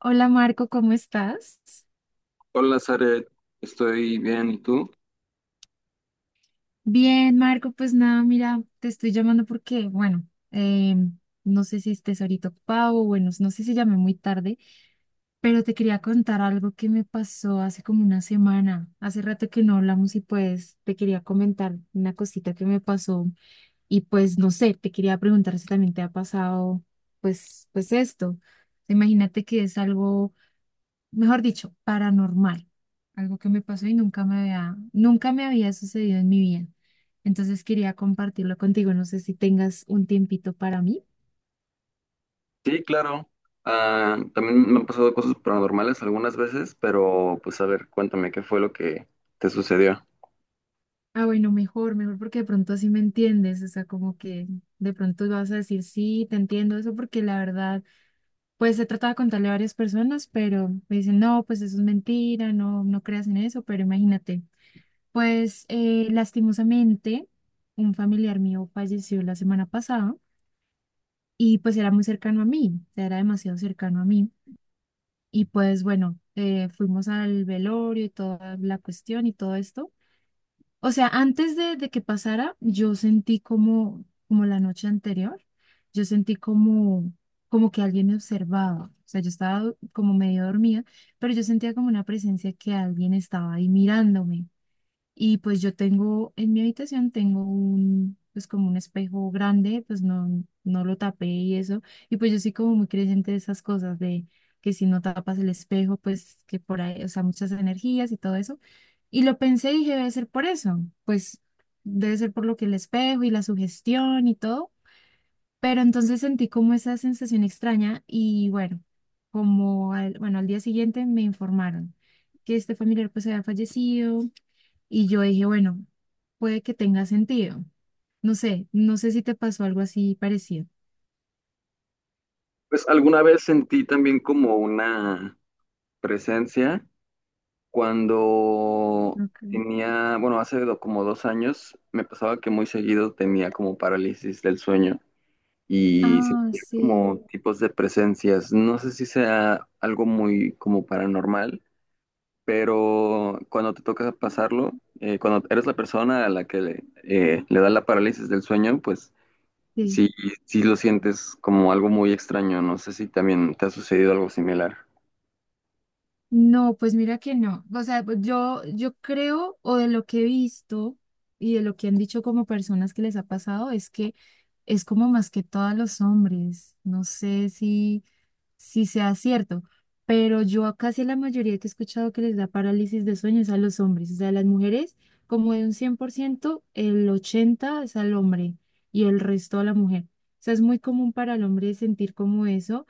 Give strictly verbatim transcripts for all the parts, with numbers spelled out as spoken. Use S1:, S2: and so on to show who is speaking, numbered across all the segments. S1: Hola Marco, ¿cómo estás?
S2: Hola, Zaret, estoy bien, ¿y tú?
S1: Bien, Marco, pues nada, mira, te estoy llamando porque, bueno, eh, no sé si estés ahorita ocupado, o bueno, no sé si llamé muy tarde, pero te quería contar algo que me pasó hace como una semana. Hace rato que no hablamos y pues te quería comentar una cosita que me pasó y pues no sé, te quería preguntar si también te ha pasado pues, pues esto. Imagínate que es algo mejor dicho, paranormal, algo que me pasó y nunca me había, nunca me había sucedido en mi vida. Entonces quería compartirlo contigo, no sé si tengas un tiempito para mí.
S2: Sí, claro. Ah, también me han pasado cosas paranormales algunas veces, pero pues a ver, cuéntame qué fue lo que te sucedió.
S1: Ah, bueno, mejor, mejor porque de pronto así me entiendes, o sea, como que de pronto vas a decir, sí, te entiendo eso, porque la verdad, pues he tratado de contarle a varias personas, pero me dicen, no, pues eso es mentira, no, no creas en eso, pero imagínate, pues eh, lastimosamente, un familiar mío falleció la semana pasada y pues era muy cercano a mí, o sea, era demasiado cercano a mí. Y pues bueno, eh, fuimos al velorio y toda la cuestión y todo esto. O sea, antes de, de que pasara, yo sentí como, como la noche anterior, yo sentí como, como que alguien me observaba. O sea, yo estaba como medio dormida, pero yo sentía como una presencia que alguien estaba ahí mirándome. Y pues yo tengo, en mi habitación tengo un, pues como un espejo grande, pues no, no lo tapé y eso. Y pues yo soy como muy creyente de esas cosas, de que si no tapas el espejo, pues que por ahí, o sea, muchas energías y todo eso. Y lo pensé y dije, debe ser por eso, pues debe ser por lo que el espejo y la sugestión y todo. Pero entonces sentí como esa sensación extraña y bueno, como al, bueno, al día siguiente me informaron que este familiar pues había fallecido y yo dije, bueno, puede que tenga sentido. No sé, no sé si te pasó algo así parecido.
S2: Pues alguna vez sentí también como una presencia cuando
S1: Okay.
S2: tenía, bueno, hace do- como dos años me pasaba que muy seguido tenía como parálisis del sueño y
S1: Ah,
S2: sentía
S1: sí,
S2: como tipos de presencias. No sé si sea algo muy como paranormal, pero cuando te toca pasarlo, eh, cuando eres la persona a la que le, eh, le da la parálisis del sueño, pues
S1: sí.
S2: sí, sí lo sientes como algo muy extraño. No sé si también te ha sucedido algo similar.
S1: No, pues mira que no. O sea, pues yo, yo creo, o de lo que he visto y de lo que han dicho como personas que les ha pasado, es que es como más que todos los hombres. No sé si sí sea cierto, pero yo a casi la mayoría que he escuchado que les da parálisis de sueños a los hombres, o sea, a las mujeres como de un cien por ciento el ochenta por ciento es al hombre y el resto a la mujer. O sea, es muy común para el hombre sentir como eso.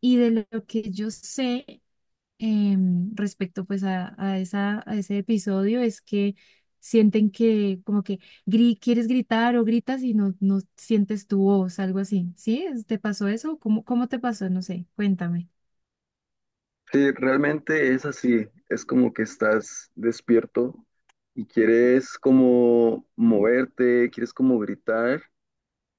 S1: Y de lo que yo sé, em, respecto pues a, a esa, a ese episodio es que sienten que como que gri- quieres gritar o gritas y no, no sientes tu voz, algo así. ¿Sí? ¿Es- ¿Te pasó eso? ¿Cómo, cómo te pasó? No sé, cuéntame.
S2: Sí, realmente es así, es como que estás despierto y quieres como moverte, quieres como gritar,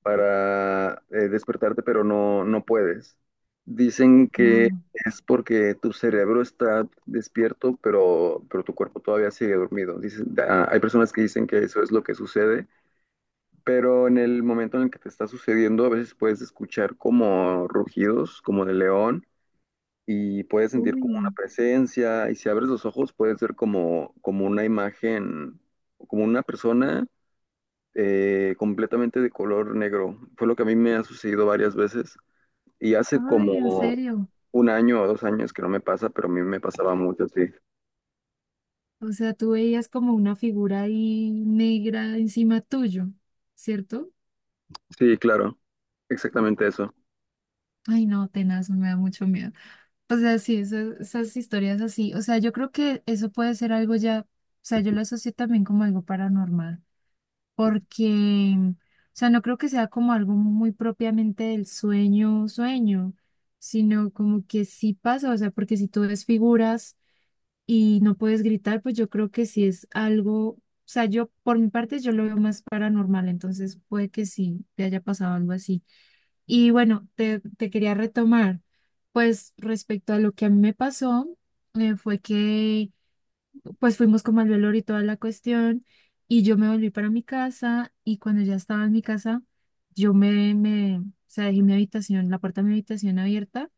S2: para eh, despertarte, pero no, no puedes. Dicen que
S1: Claro.
S2: es porque tu cerebro está despierto, pero, pero tu cuerpo todavía sigue dormido. Dicen- da- hay personas que dicen que eso es lo que sucede, pero en el momento en el que te está sucediendo, a veces puedes escuchar como rugidos, como de león, y puedes sentir como una
S1: Uy,
S2: presencia, y si abres los ojos puedes ver como, como, una imagen, como una persona eh, completamente de color negro. Fue lo que a mí me ha sucedido varias veces. Y hace
S1: ay, en
S2: como
S1: serio.
S2: un año o dos años que no me pasa, pero a mí me pasaba mucho, sí.
S1: O sea, tú veías como una figura ahí negra encima tuyo, ¿cierto?
S2: Sí, claro, exactamente eso.
S1: Ay, no, tenaz, me da mucho miedo. O sea, sí, eso- esas historias así. O sea, yo creo que eso puede ser algo ya, o sea, yo lo asocio también como algo paranormal, porque, o sea, no creo que sea como algo muy propiamente del sueño, sueño, sino como que sí pasa, o sea, porque si tú ves figuras y no puedes gritar, pues yo creo que sí es algo, o sea, yo por mi parte yo lo veo más paranormal, entonces puede que sí te haya pasado algo así. Y bueno, te, te quería retomar, pues respecto a lo que a mí me pasó, eh, fue que pues fuimos como al velorio y toda la cuestión, y yo me volví para mi casa, y cuando ya estaba en mi casa, yo me, me, o sea, dejé mi habitación, la puerta de mi habitación abierta,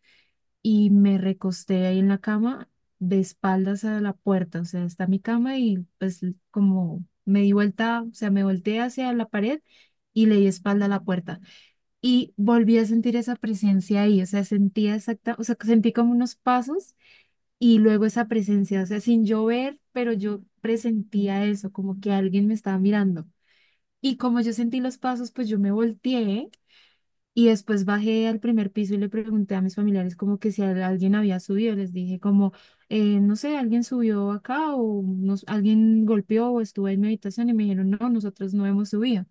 S1: y me recosté ahí en la cama, de espaldas a la puerta, o sea, está mi cama, y pues como me di vuelta, o sea, me volteé hacia la pared y le di espalda a la puerta. Y volví a sentir esa presencia ahí, o sea, sentía exacta, o sea, sentí como unos pasos y luego esa presencia, o sea, sin yo ver, pero yo presentía eso, como que alguien me estaba mirando. Y como yo sentí los pasos, pues yo me volteé y después bajé al primer piso y le pregunté a mis familiares como que si al- alguien había subido, les dije como, eh, no sé, alguien subió acá o nos, alguien golpeó o estuvo en mi habitación y me dijeron, no, nosotros no hemos subido.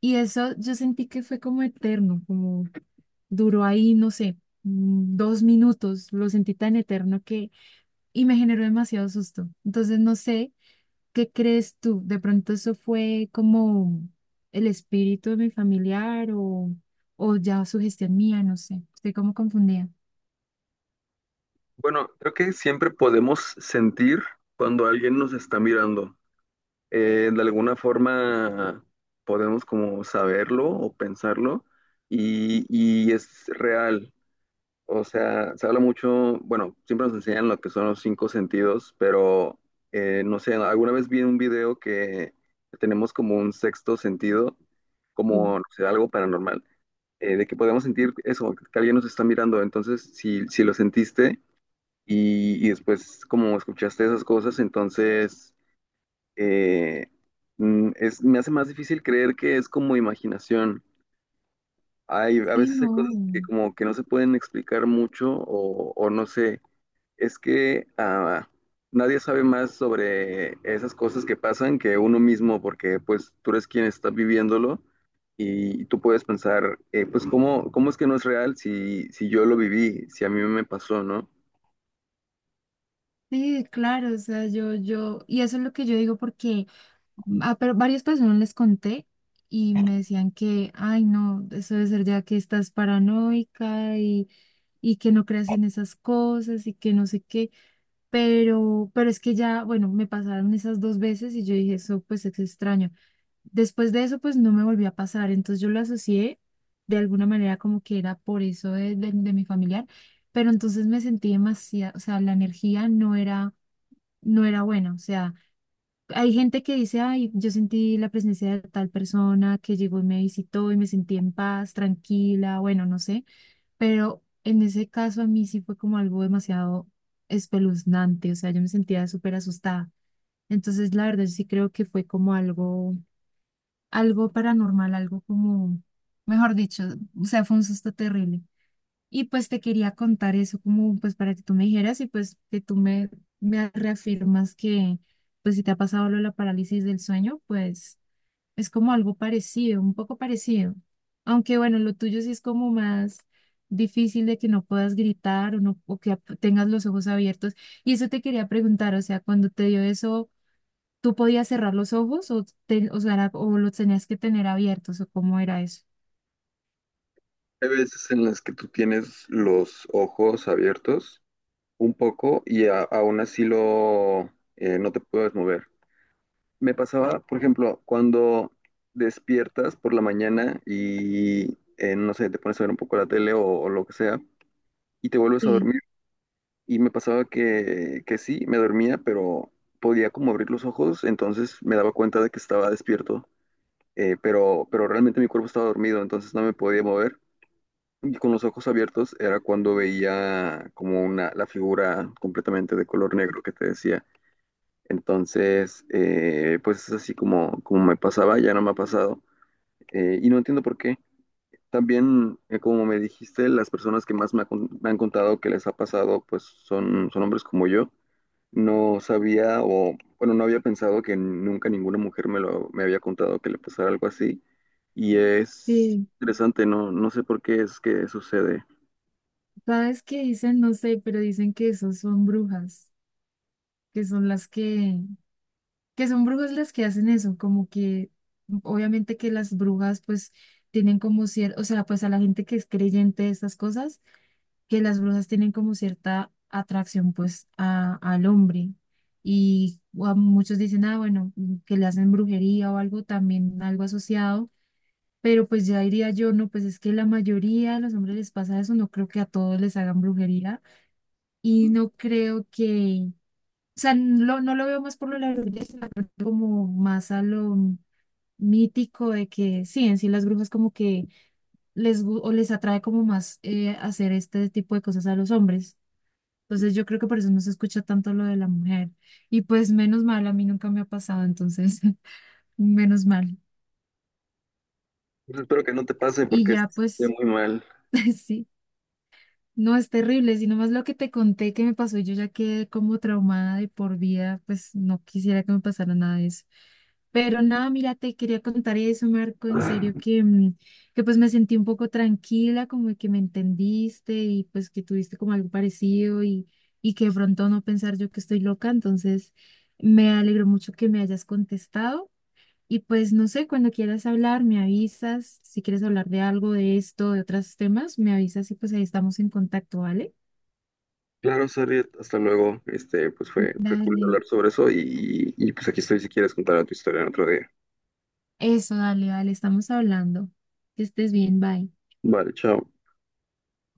S1: Y eso yo sentí que fue como eterno, como duró ahí, no sé, mm, dos minutos, lo sentí tan eterno que, y me generó demasiado susto. Entonces, no sé, ¿qué crees tú? ¿De pronto eso fue como el espíritu de mi familiar o, o ya sugestión mía? No sé, estoy como confundida.
S2: Bueno, creo que siempre podemos sentir cuando alguien nos está mirando. Eh, de alguna forma podemos como saberlo o pensarlo, y, y es real. O sea, se habla mucho, bueno, siempre nos enseñan lo que son los cinco sentidos, pero eh, no sé, alguna vez vi un video que tenemos como un sexto sentido,
S1: Sí.
S2: como, no sé, algo paranormal, eh, de que podemos sentir eso, que alguien nos está mirando. Entonces, si, si lo sentiste y, y después como escuchaste esas cosas, entonces eh, mm, es, me hace más difícil creer que es como imaginación. Hay, a
S1: Sí,
S2: veces hay cosas que
S1: no.
S2: como que no se pueden explicar mucho o, o no sé. Es que ah, nadie sabe más sobre esas cosas que pasan que uno mismo, porque pues tú eres quien está viviéndolo y tú puedes pensar, eh, pues ¿cómo, cómo, es que no es real si, si yo lo viví, si a mí me pasó, no?
S1: Sí, claro, o sea, yo, yo, y eso es lo que yo digo porque ah pero varias personas les conté y me decían que, ay, no, eso debe ser ya que estás paranoica y, y que no creas en esas cosas y que no sé qué, pero, pero es que ya, bueno, me pasaron esas dos veces y yo dije, eso pues es extraño. Después de eso, pues no me volvió a pasar, entonces yo lo asocié de alguna manera como que era por eso de, de, de mi familiar, pero entonces me sentí demasiado, o sea, la energía no era, no era buena, o sea hay gente que dice, ay, yo sentí la presencia de tal persona que llegó y me visitó y me sentí en paz, tranquila, bueno, no sé, pero en ese caso a mí sí fue como algo demasiado espeluznante, o sea, yo me sentía súper asustada. Entonces, la verdad, yo sí creo que fue como algo, algo, paranormal, algo como, mejor dicho, o sea, fue un susto terrible. Y pues te quería contar eso como pues para que tú me dijeras y pues que tú me, me reafirmas que pues si te ha pasado lo de la parálisis del sueño, pues es como algo parecido, un poco parecido. Aunque bueno, lo tuyo sí es como más difícil de que no puedas gritar o, no, o que ap- tengas los ojos abiertos. Y eso te quería preguntar, o sea, cuando te dio eso, ¿tú podías cerrar los ojos o, te- o sea, era- o los tenías que tener abiertos o cómo era eso?
S2: Hay veces en las que tú tienes los ojos abiertos un poco y a- aún así lo, eh, no te puedes mover. Me pasaba, por ejemplo, cuando despiertas por la mañana y, eh, no sé, te pones a ver un poco la tele o o lo que sea y te vuelves a
S1: Sí,
S2: dormir. Y me pasaba que, que sí, me dormía, pero podía como abrir los ojos, entonces me daba cuenta de que estaba despierto, eh, pero, pero realmente mi cuerpo estaba dormido, entonces no me podía mover. Y con los ojos abiertos era cuando veía como una, la figura completamente de color negro que te decía. Entonces, eh, pues es así como, como, me pasaba, ya no me ha pasado. Eh, y no entiendo por qué. También, eh, como me dijiste, las personas que más me, ha con- me han contado que les ha pasado, pues son, son hombres como yo. No sabía o, bueno, no había pensado que nunca ninguna mujer me lo, me había contado que le pasara algo así. Y es
S1: sí,
S2: interesante, no, no sé por qué es que sucede.
S1: ¿Sabes qué dicen? No sé, pero dicen que esos son brujas, que son las que, que son brujas las que hacen eso, como que obviamente que las brujas pues tienen como cierto, o sea, pues a la gente que es creyente de estas cosas, que las brujas tienen como cierta atracción pues a, al hombre. Y o a muchos dicen, ah, bueno, que le hacen brujería o algo, también algo asociado. Pero pues ya diría yo, no, pues es que la mayoría de los hombres les pasa eso, no creo que a todos les hagan brujería y no creo que, o sea, no, no lo veo más por lo largo, sino como más a lo mítico de que sí, en sí las brujas como que les, gu- o les atrae como más eh, hacer este tipo de cosas a los hombres. Entonces yo creo que por eso no se escucha tanto lo de la mujer. Y pues menos mal, a mí nunca me ha pasado, entonces menos mal.
S2: Pues espero que no te pase
S1: Y
S2: porque
S1: ya
S2: esté
S1: pues,
S2: muy mal.
S1: sí. No, es terrible, sino más lo que te conté que me pasó, yo ya quedé como traumada de por vida, pues no quisiera que me pasara nada de eso. Pero nada, mira, te quería contar eso, Marco, en serio, que, mm, que pues me sentí un poco tranquila, como que me entendiste y pues que tuviste como algo parecido y, y que de pronto no pensar yo que estoy loca, entonces me alegró mucho que me hayas contestado. Y pues no sé, cuando quieras hablar, me avisas. Si quieres hablar de algo, de esto, de otros temas, me avisas y pues ahí estamos en contacto, ¿vale?
S2: Claro, Sariet, hasta luego. Este, pues fue, fue cool
S1: Dale.
S2: hablar sobre eso, y, y pues aquí estoy si quieres contar tu historia en otro día.
S1: Eso, dale, dale, estamos hablando. Que estés bien, bye.
S2: Vale, chao.